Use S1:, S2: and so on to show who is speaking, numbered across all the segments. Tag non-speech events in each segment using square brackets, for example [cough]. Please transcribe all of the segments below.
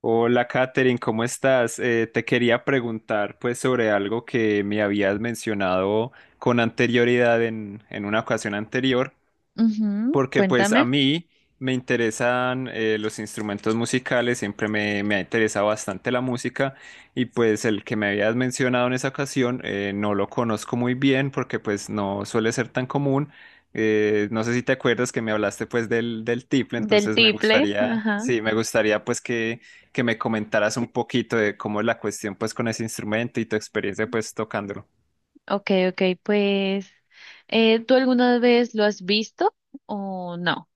S1: Hola, Katherine, ¿cómo estás? Te quería preguntar pues sobre algo que me habías mencionado con anterioridad en una ocasión anterior,
S2: Ujú,
S1: porque pues a
S2: cuéntame
S1: mí me interesan los instrumentos musicales. Siempre me ha interesado bastante la música, y pues el que me habías mencionado en esa ocasión no lo conozco muy bien porque pues no suele ser tan común. No sé si te acuerdas que me hablaste pues del tiple.
S2: del
S1: Entonces me
S2: tiple.
S1: gustaría,
S2: Ajá.
S1: sí, me gustaría pues que, me comentaras un poquito de cómo es la cuestión pues con ese instrumento y tu experiencia pues tocándolo.
S2: Ok, ok, pues ¿tú alguna vez lo has visto o no?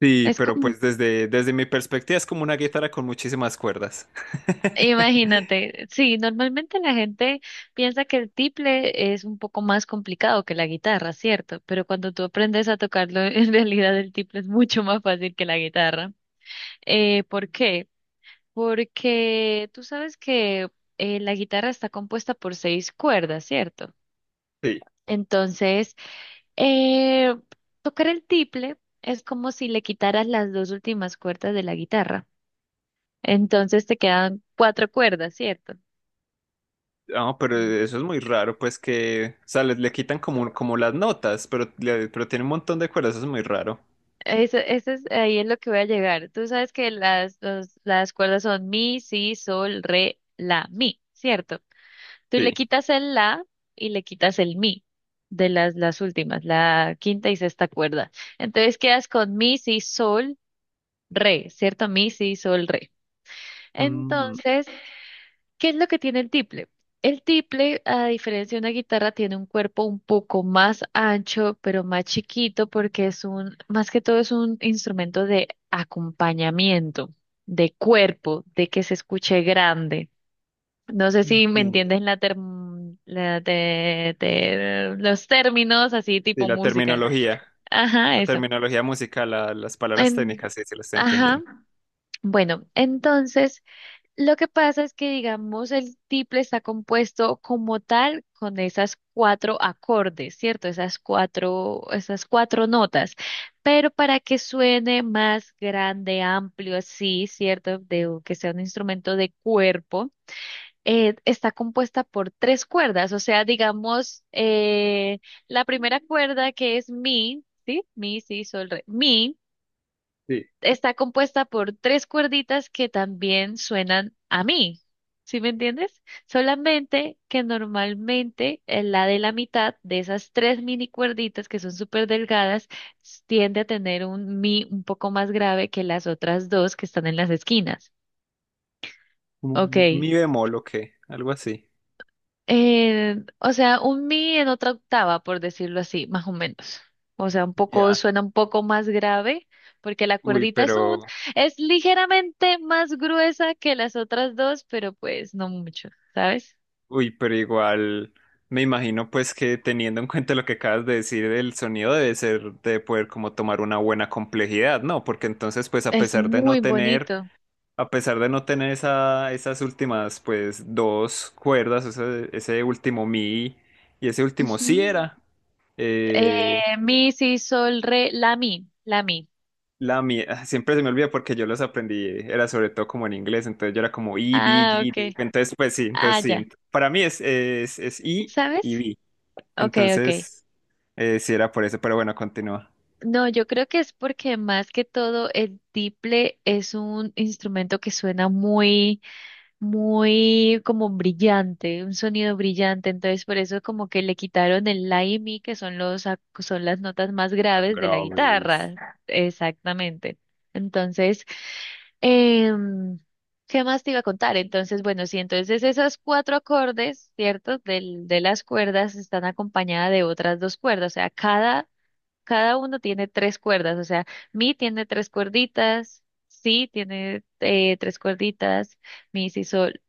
S1: Sí,
S2: Es
S1: pero
S2: como,
S1: pues desde mi perspectiva es como una guitarra con muchísimas cuerdas. [laughs]
S2: imagínate, sí, normalmente la gente piensa que el tiple es un poco más complicado que la guitarra, ¿cierto? Pero cuando tú aprendes a tocarlo, [laughs] en realidad el tiple es mucho más fácil que la guitarra. ¿Por qué? Porque tú sabes que la guitarra está compuesta por seis cuerdas, ¿cierto?
S1: Sí,
S2: Entonces, Eh, tocar el tiple es como si le quitaras las dos últimas cuerdas de la guitarra. Entonces te quedan cuatro cuerdas, ¿cierto?
S1: no, pero eso es muy raro, pues que, o sea, le quitan como, las notas, pero, pero tiene un montón de cuerdas. Eso es muy raro.
S2: Eso es, ahí es lo que voy a llegar. Tú sabes que las cuerdas son mi, si, sol, re, la, mi, ¿cierto? Tú le
S1: Sí.
S2: quitas el la y le quitas el mi de las últimas, la quinta y sexta cuerda. Entonces quedas con mi, si, sol, re, ¿cierto? Mi, si, sol, re. [laughs]
S1: Mm,
S2: Entonces, ¿qué es lo que tiene el tiple? El tiple, a diferencia de una guitarra, tiene un cuerpo un poco más ancho, pero más chiquito, porque es un, más que todo es un instrumento de acompañamiento, de cuerpo, de que se escuche grande. No sé si me
S1: Entiendo.
S2: entiendes la term- la te- te- los términos así
S1: Sí,
S2: tipo
S1: la
S2: música.
S1: terminología,
S2: Ajá,
S1: la
S2: eso.
S1: terminología musical, las palabras
S2: En-
S1: técnicas, sí, se las está
S2: ajá.
S1: entendiendo.
S2: Bueno, entonces, lo que pasa es que, digamos, el tiple está compuesto como tal con esas cuatro acordes, ¿cierto? Esas cuatro notas. Pero para que suene más grande, amplio, así, ¿cierto? De, o que sea un instrumento de cuerpo, está compuesta por tres cuerdas. O sea, digamos, la primera cuerda que es mi, ¿sí? Mi, si, sol, re. Mi
S1: Sí.
S2: está compuesta por tres cuerditas que también suenan a mí. ¿Sí me entiendes? Solamente que normalmente la de la mitad de esas tres mini cuerditas que son súper delgadas tiende a tener un mi un poco más grave que las otras dos que están en las esquinas.
S1: Como un
S2: Ok.
S1: Mi bemol o qué, algo así.
S2: O sea, un mi en otra octava, por decirlo así, más o menos. O sea, un poco,
S1: Ya.
S2: suena un poco más grave, porque la
S1: Uy,
S2: cuerdita es un,
S1: pero...
S2: es ligeramente más gruesa que las otras dos, pero pues no mucho, ¿sabes?
S1: Uy, pero igual me imagino pues que teniendo en cuenta lo que acabas de decir, el sonido debe ser de poder como tomar una buena complejidad, ¿no? Porque entonces pues a
S2: Es
S1: pesar de no
S2: muy
S1: tener,
S2: bonito.
S1: esas últimas pues dos cuerdas, ese último mi y ese último si
S2: Ujú.
S1: era,
S2: Eh,
S1: eh,
S2: mi, si, sol, re, la mi, la mi.
S1: la mi, ah, siempre se me olvida porque yo los aprendí, era sobre todo como en inglés. Entonces yo era como I, B,
S2: Ah,
S1: G, D,
S2: ok.
S1: Entonces pues sí, entonces
S2: Ah,
S1: sí,
S2: ya.
S1: para mí es, es I
S2: ¿Sabes?
S1: y B.
S2: Ok, ok.
S1: Entonces, sí era por eso, pero bueno, continúa.
S2: No, yo creo que es porque más que todo el tiple es un instrumento que suena muy, muy como brillante, un sonido brillante, entonces por eso como que le quitaron el la y mi, que son los, son las notas más graves de la
S1: Graves.
S2: guitarra, exactamente. Entonces, em, ¿qué más te iba a contar? Entonces, bueno, sí, entonces esos cuatro acordes, ¿cierto? Del, de las cuerdas están acompañadas de otras dos cuerdas, o sea, cada uno tiene tres cuerdas, o sea, mi tiene tres cuerditas, si tiene tres cuerditas, mi si sol,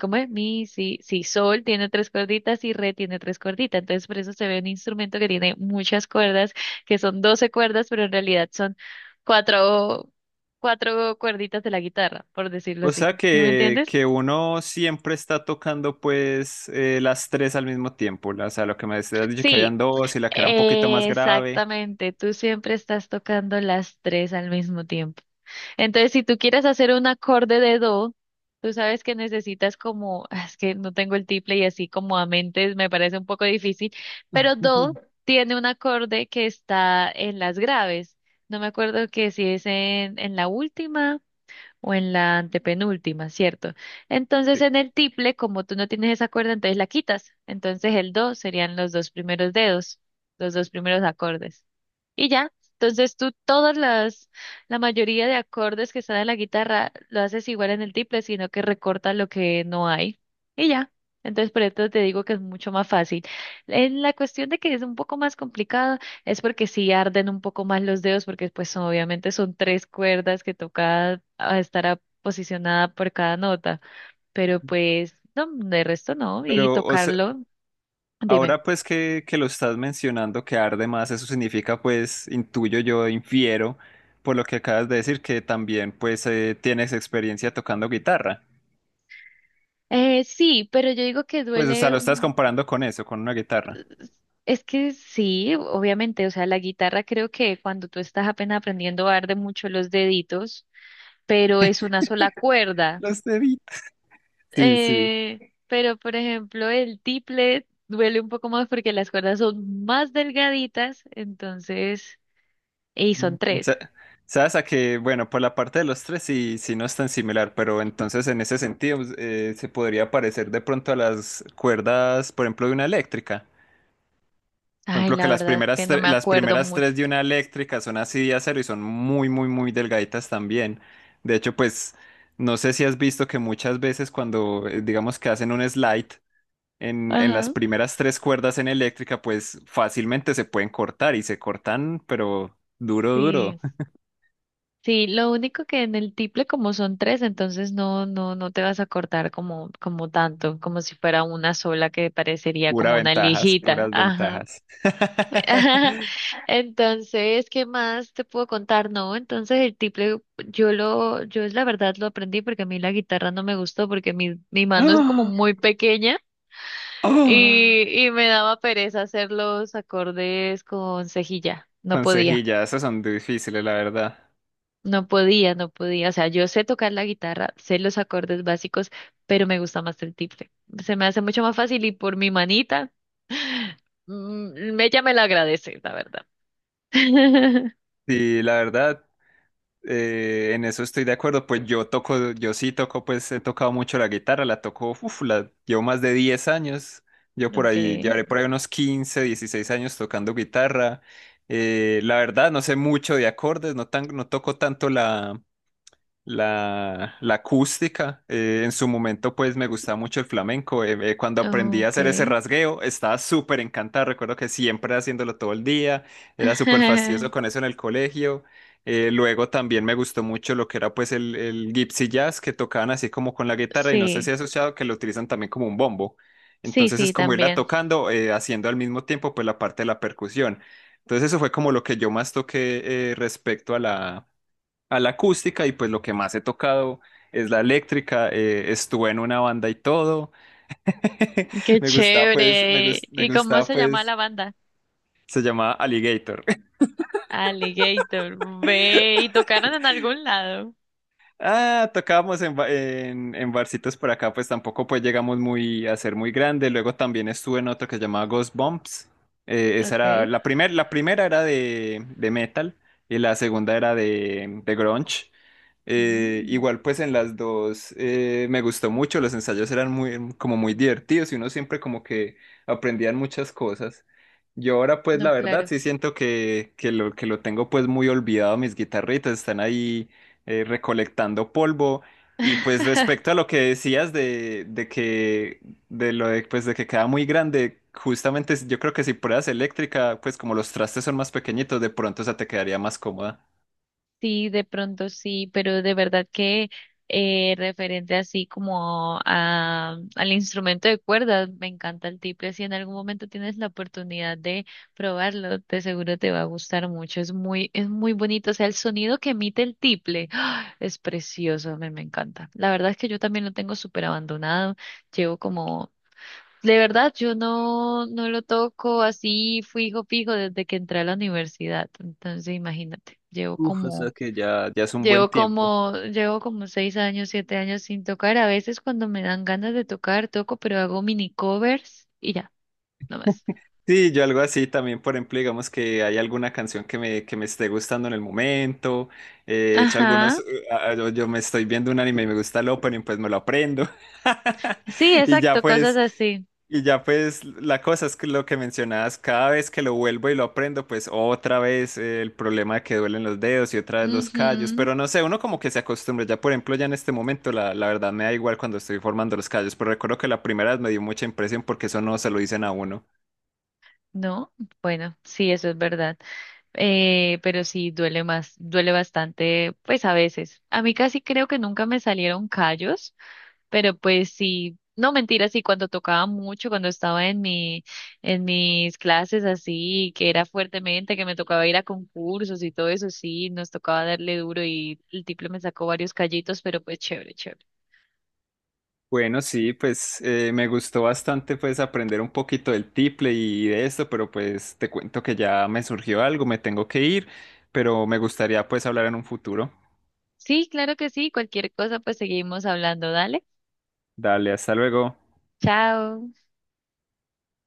S2: ¿cómo es? Mi si, si sol tiene tres cuerditas y re tiene tres cuerditas. Entonces por eso se ve un instrumento que tiene muchas cuerdas, que son 12 cuerdas, pero en realidad son cuatro, cuatro cuerditas de la guitarra, por decirlo
S1: O
S2: así.
S1: sea
S2: ¿Sí me entiendes?
S1: que, uno siempre está tocando pues las tres al mismo tiempo. O sea, lo que me decías dicho que habían
S2: Sí,
S1: dos y la que era un poquito más grave.
S2: exactamente. Tú siempre estás tocando las tres al mismo tiempo. Entonces, si tú quieres hacer un acorde de do, tú sabes que necesitas como, ah, es que no tengo el triple y así como a mentes me parece un poco difícil, pero do
S1: [laughs]
S2: tiene un acorde que está en las graves. No me acuerdo que si es en la última o en la antepenúltima, ¿cierto? Entonces,
S1: Sí.
S2: en el triple, como tú no tienes esa cuerda, entonces la quitas. Entonces, el do serían los dos primeros dedos, los dos primeros acordes. Y ya, entonces tú todas las, la mayoría de acordes que están en la guitarra lo haces igual en el tiple, sino que recortas lo que no hay. Y ya. Entonces, por esto te digo que es mucho más fácil. En la cuestión de que es un poco más complicado, es porque sí arden un poco más los dedos, porque pues obviamente son tres cuerdas que toca ah, estar posicionada por cada nota. Pero pues, no, de resto no. Y
S1: Pero o sea,
S2: tocarlo, dime.
S1: ahora pues que lo estás mencionando que arde más, eso significa pues, intuyo yo, infiero, por lo que acabas de decir, que también pues tienes experiencia tocando guitarra.
S2: Sí, pero yo digo que
S1: Pues o sea,
S2: duele.
S1: lo estás comparando con eso, con una guitarra.
S2: Es que sí, obviamente, o sea, la guitarra creo que cuando tú estás apenas aprendiendo arde mucho los deditos, pero es una sola cuerda.
S1: Los de Sí, sí.
S2: Pero, por ejemplo, el tiple duele un poco más porque las cuerdas son más delgaditas, entonces, y
S1: Mm.
S2: son tres.
S1: Sabes a que, bueno, por la parte de los tres sí, sí no es tan similar, pero entonces en ese sentido pues, se podría parecer de pronto a las cuerdas, por ejemplo, de una eléctrica. Por
S2: Ay,
S1: ejemplo, que
S2: la
S1: las
S2: verdad es que
S1: primeras,
S2: no me
S1: las
S2: acuerdo
S1: primeras tres
S2: mucho.
S1: de una eléctrica son así de acero y son muy, muy, muy delgaditas también. De hecho, pues, no sé si has visto que muchas veces cuando, digamos que hacen un slide en las
S2: Ajá,
S1: primeras tres cuerdas en eléctrica, pues fácilmente se pueden cortar y se cortan, pero duro, duro.
S2: sí. Sí, lo único que en el tiple como son tres, entonces no, no, no te vas a cortar como, como tanto, como si fuera una sola que parecería
S1: Pura
S2: como una
S1: ventajas,
S2: lijita.
S1: puras
S2: Ajá.
S1: ventajas.
S2: [laughs] Ajá.
S1: [laughs]
S2: Entonces, ¿qué más te puedo contar? No, entonces el tiple, yo lo, yo la verdad lo aprendí porque a mí la guitarra no me gustó porque mi mano es como
S1: ¡Ah!
S2: muy pequeña
S1: ¡Ah!
S2: y me daba pereza hacer los acordes con cejilla. No podía.
S1: Consejillas, esas son difíciles, la verdad.
S2: No podía, no podía. O sea, yo sé tocar la guitarra, sé los acordes básicos, pero me gusta más el tiple. Se me hace mucho más fácil y por mi manita, mm, ella me la agradece, la verdad. [laughs]
S1: Sí, la verdad, en eso estoy de acuerdo. Pues yo sí toco, pues he tocado mucho la guitarra, la toco, uf, la llevo más de 10 años. Yo por ahí,
S2: Okay,
S1: llevaré por ahí unos 15, 16 años tocando guitarra. La verdad, no sé mucho de acordes, no toco tanto la, la acústica. En su momento, pues me gustaba mucho el flamenco. Cuando aprendí a hacer ese
S2: okay.
S1: rasgueo, estaba súper encantado. Recuerdo que siempre haciéndolo todo el día, era súper fastidioso con
S2: [laughs]
S1: eso en el colegio. Luego también me gustó mucho lo que era pues el gypsy jazz, que tocaban así como con la guitarra, y no sé si
S2: Sí,
S1: has asociado que lo utilizan también como un bombo.
S2: sí,
S1: Entonces es
S2: sí,
S1: como irla
S2: también.
S1: tocando, haciendo al mismo tiempo pues la parte de la percusión. Entonces eso fue como lo que yo más toqué respecto a la, acústica, y pues lo que más he tocado es la eléctrica. Estuve en una banda y todo. [laughs]
S2: Qué
S1: Me gustaba pues,
S2: chévere.
S1: me
S2: ¿Y cómo
S1: gustaba
S2: se llama la
S1: pues,
S2: banda?
S1: se llamaba Alligator.
S2: Alligator. Ve, y tocaron en algún lado.
S1: Ah, tocábamos en, en barcitos por acá. Pues tampoco pues llegamos muy a ser muy grande. Luego también estuve en otro que se llamaba Ghost Bumps. Esa era
S2: Okay.
S1: la primera, era de metal, y la segunda era de grunge.
S2: Mm,
S1: Igual pues en las dos me gustó mucho. Los ensayos eran muy como muy divertidos y uno siempre como que aprendían muchas cosas. Yo ahora pues la
S2: no,
S1: verdad
S2: claro.
S1: sí siento que, que lo tengo pues muy olvidado. Mis guitarritas están ahí recolectando polvo. Y pues
S2: [laughs]
S1: respecto a lo que decías de que de lo de, pues, de que queda muy grande, justamente yo creo que si pruebas eléctrica, pues como los trastes son más pequeñitos, de pronto esa te quedaría más cómoda.
S2: Sí, de pronto sí, pero de verdad que referente así como a, al instrumento de cuerdas, me encanta el tiple. Si en algún momento tienes la oportunidad de probarlo, de seguro te va a gustar mucho. Es muy bonito. O sea, el sonido que emite el tiple, ¡ah! Es precioso, me encanta. La verdad es que yo también lo tengo súper abandonado. Llevo como, de verdad, yo no, no lo toco así fijo, fijo desde que entré a la universidad. Entonces, imagínate, llevo
S1: Uf, o sea
S2: como.
S1: que ya es un buen
S2: Llevo
S1: tiempo.
S2: como, llevo como 6 años, 7 años sin tocar. A veces cuando me dan ganas de tocar, toco, pero hago mini covers y ya, no más.
S1: Sí, yo algo así también. Por ejemplo, digamos que hay alguna canción que me, esté gustando en el momento, he hecho algunos,
S2: Ajá.
S1: yo me estoy viendo un anime y me gusta el opening, pues me lo aprendo.
S2: Sí,
S1: [laughs] Y ya
S2: exacto, cosas
S1: pues,
S2: así.
S1: la cosa es que lo que mencionabas, cada vez que lo vuelvo y lo aprendo, pues otra vez el problema de que duelen los dedos y otra vez los callos,
S2: Ujú.
S1: pero no sé, uno como que se acostumbra. Ya por ejemplo, ya en este momento la, verdad me da igual cuando estoy formando los callos, pero recuerdo que la primera vez me dio mucha impresión porque eso no se lo dicen a uno.
S2: No, bueno, sí, eso es verdad. Pero sí, duele más, duele bastante, pues a veces. A mí casi creo que nunca me salieron callos. Pero pues sí, no mentira sí, cuando tocaba mucho, cuando estaba en mi, en mis clases así, que era fuertemente, que me tocaba ir a concursos y todo eso, sí, nos tocaba darle duro y el tipo me sacó varios callitos, pero pues chévere, chévere.
S1: Bueno, sí, pues me gustó bastante pues aprender un poquito del tiple y de esto, pero pues te cuento que ya me surgió algo, me tengo que ir, pero me gustaría pues hablar en un futuro.
S2: Sí, claro que sí, cualquier cosa pues seguimos hablando, dale.
S1: Dale, hasta luego.
S2: Chao.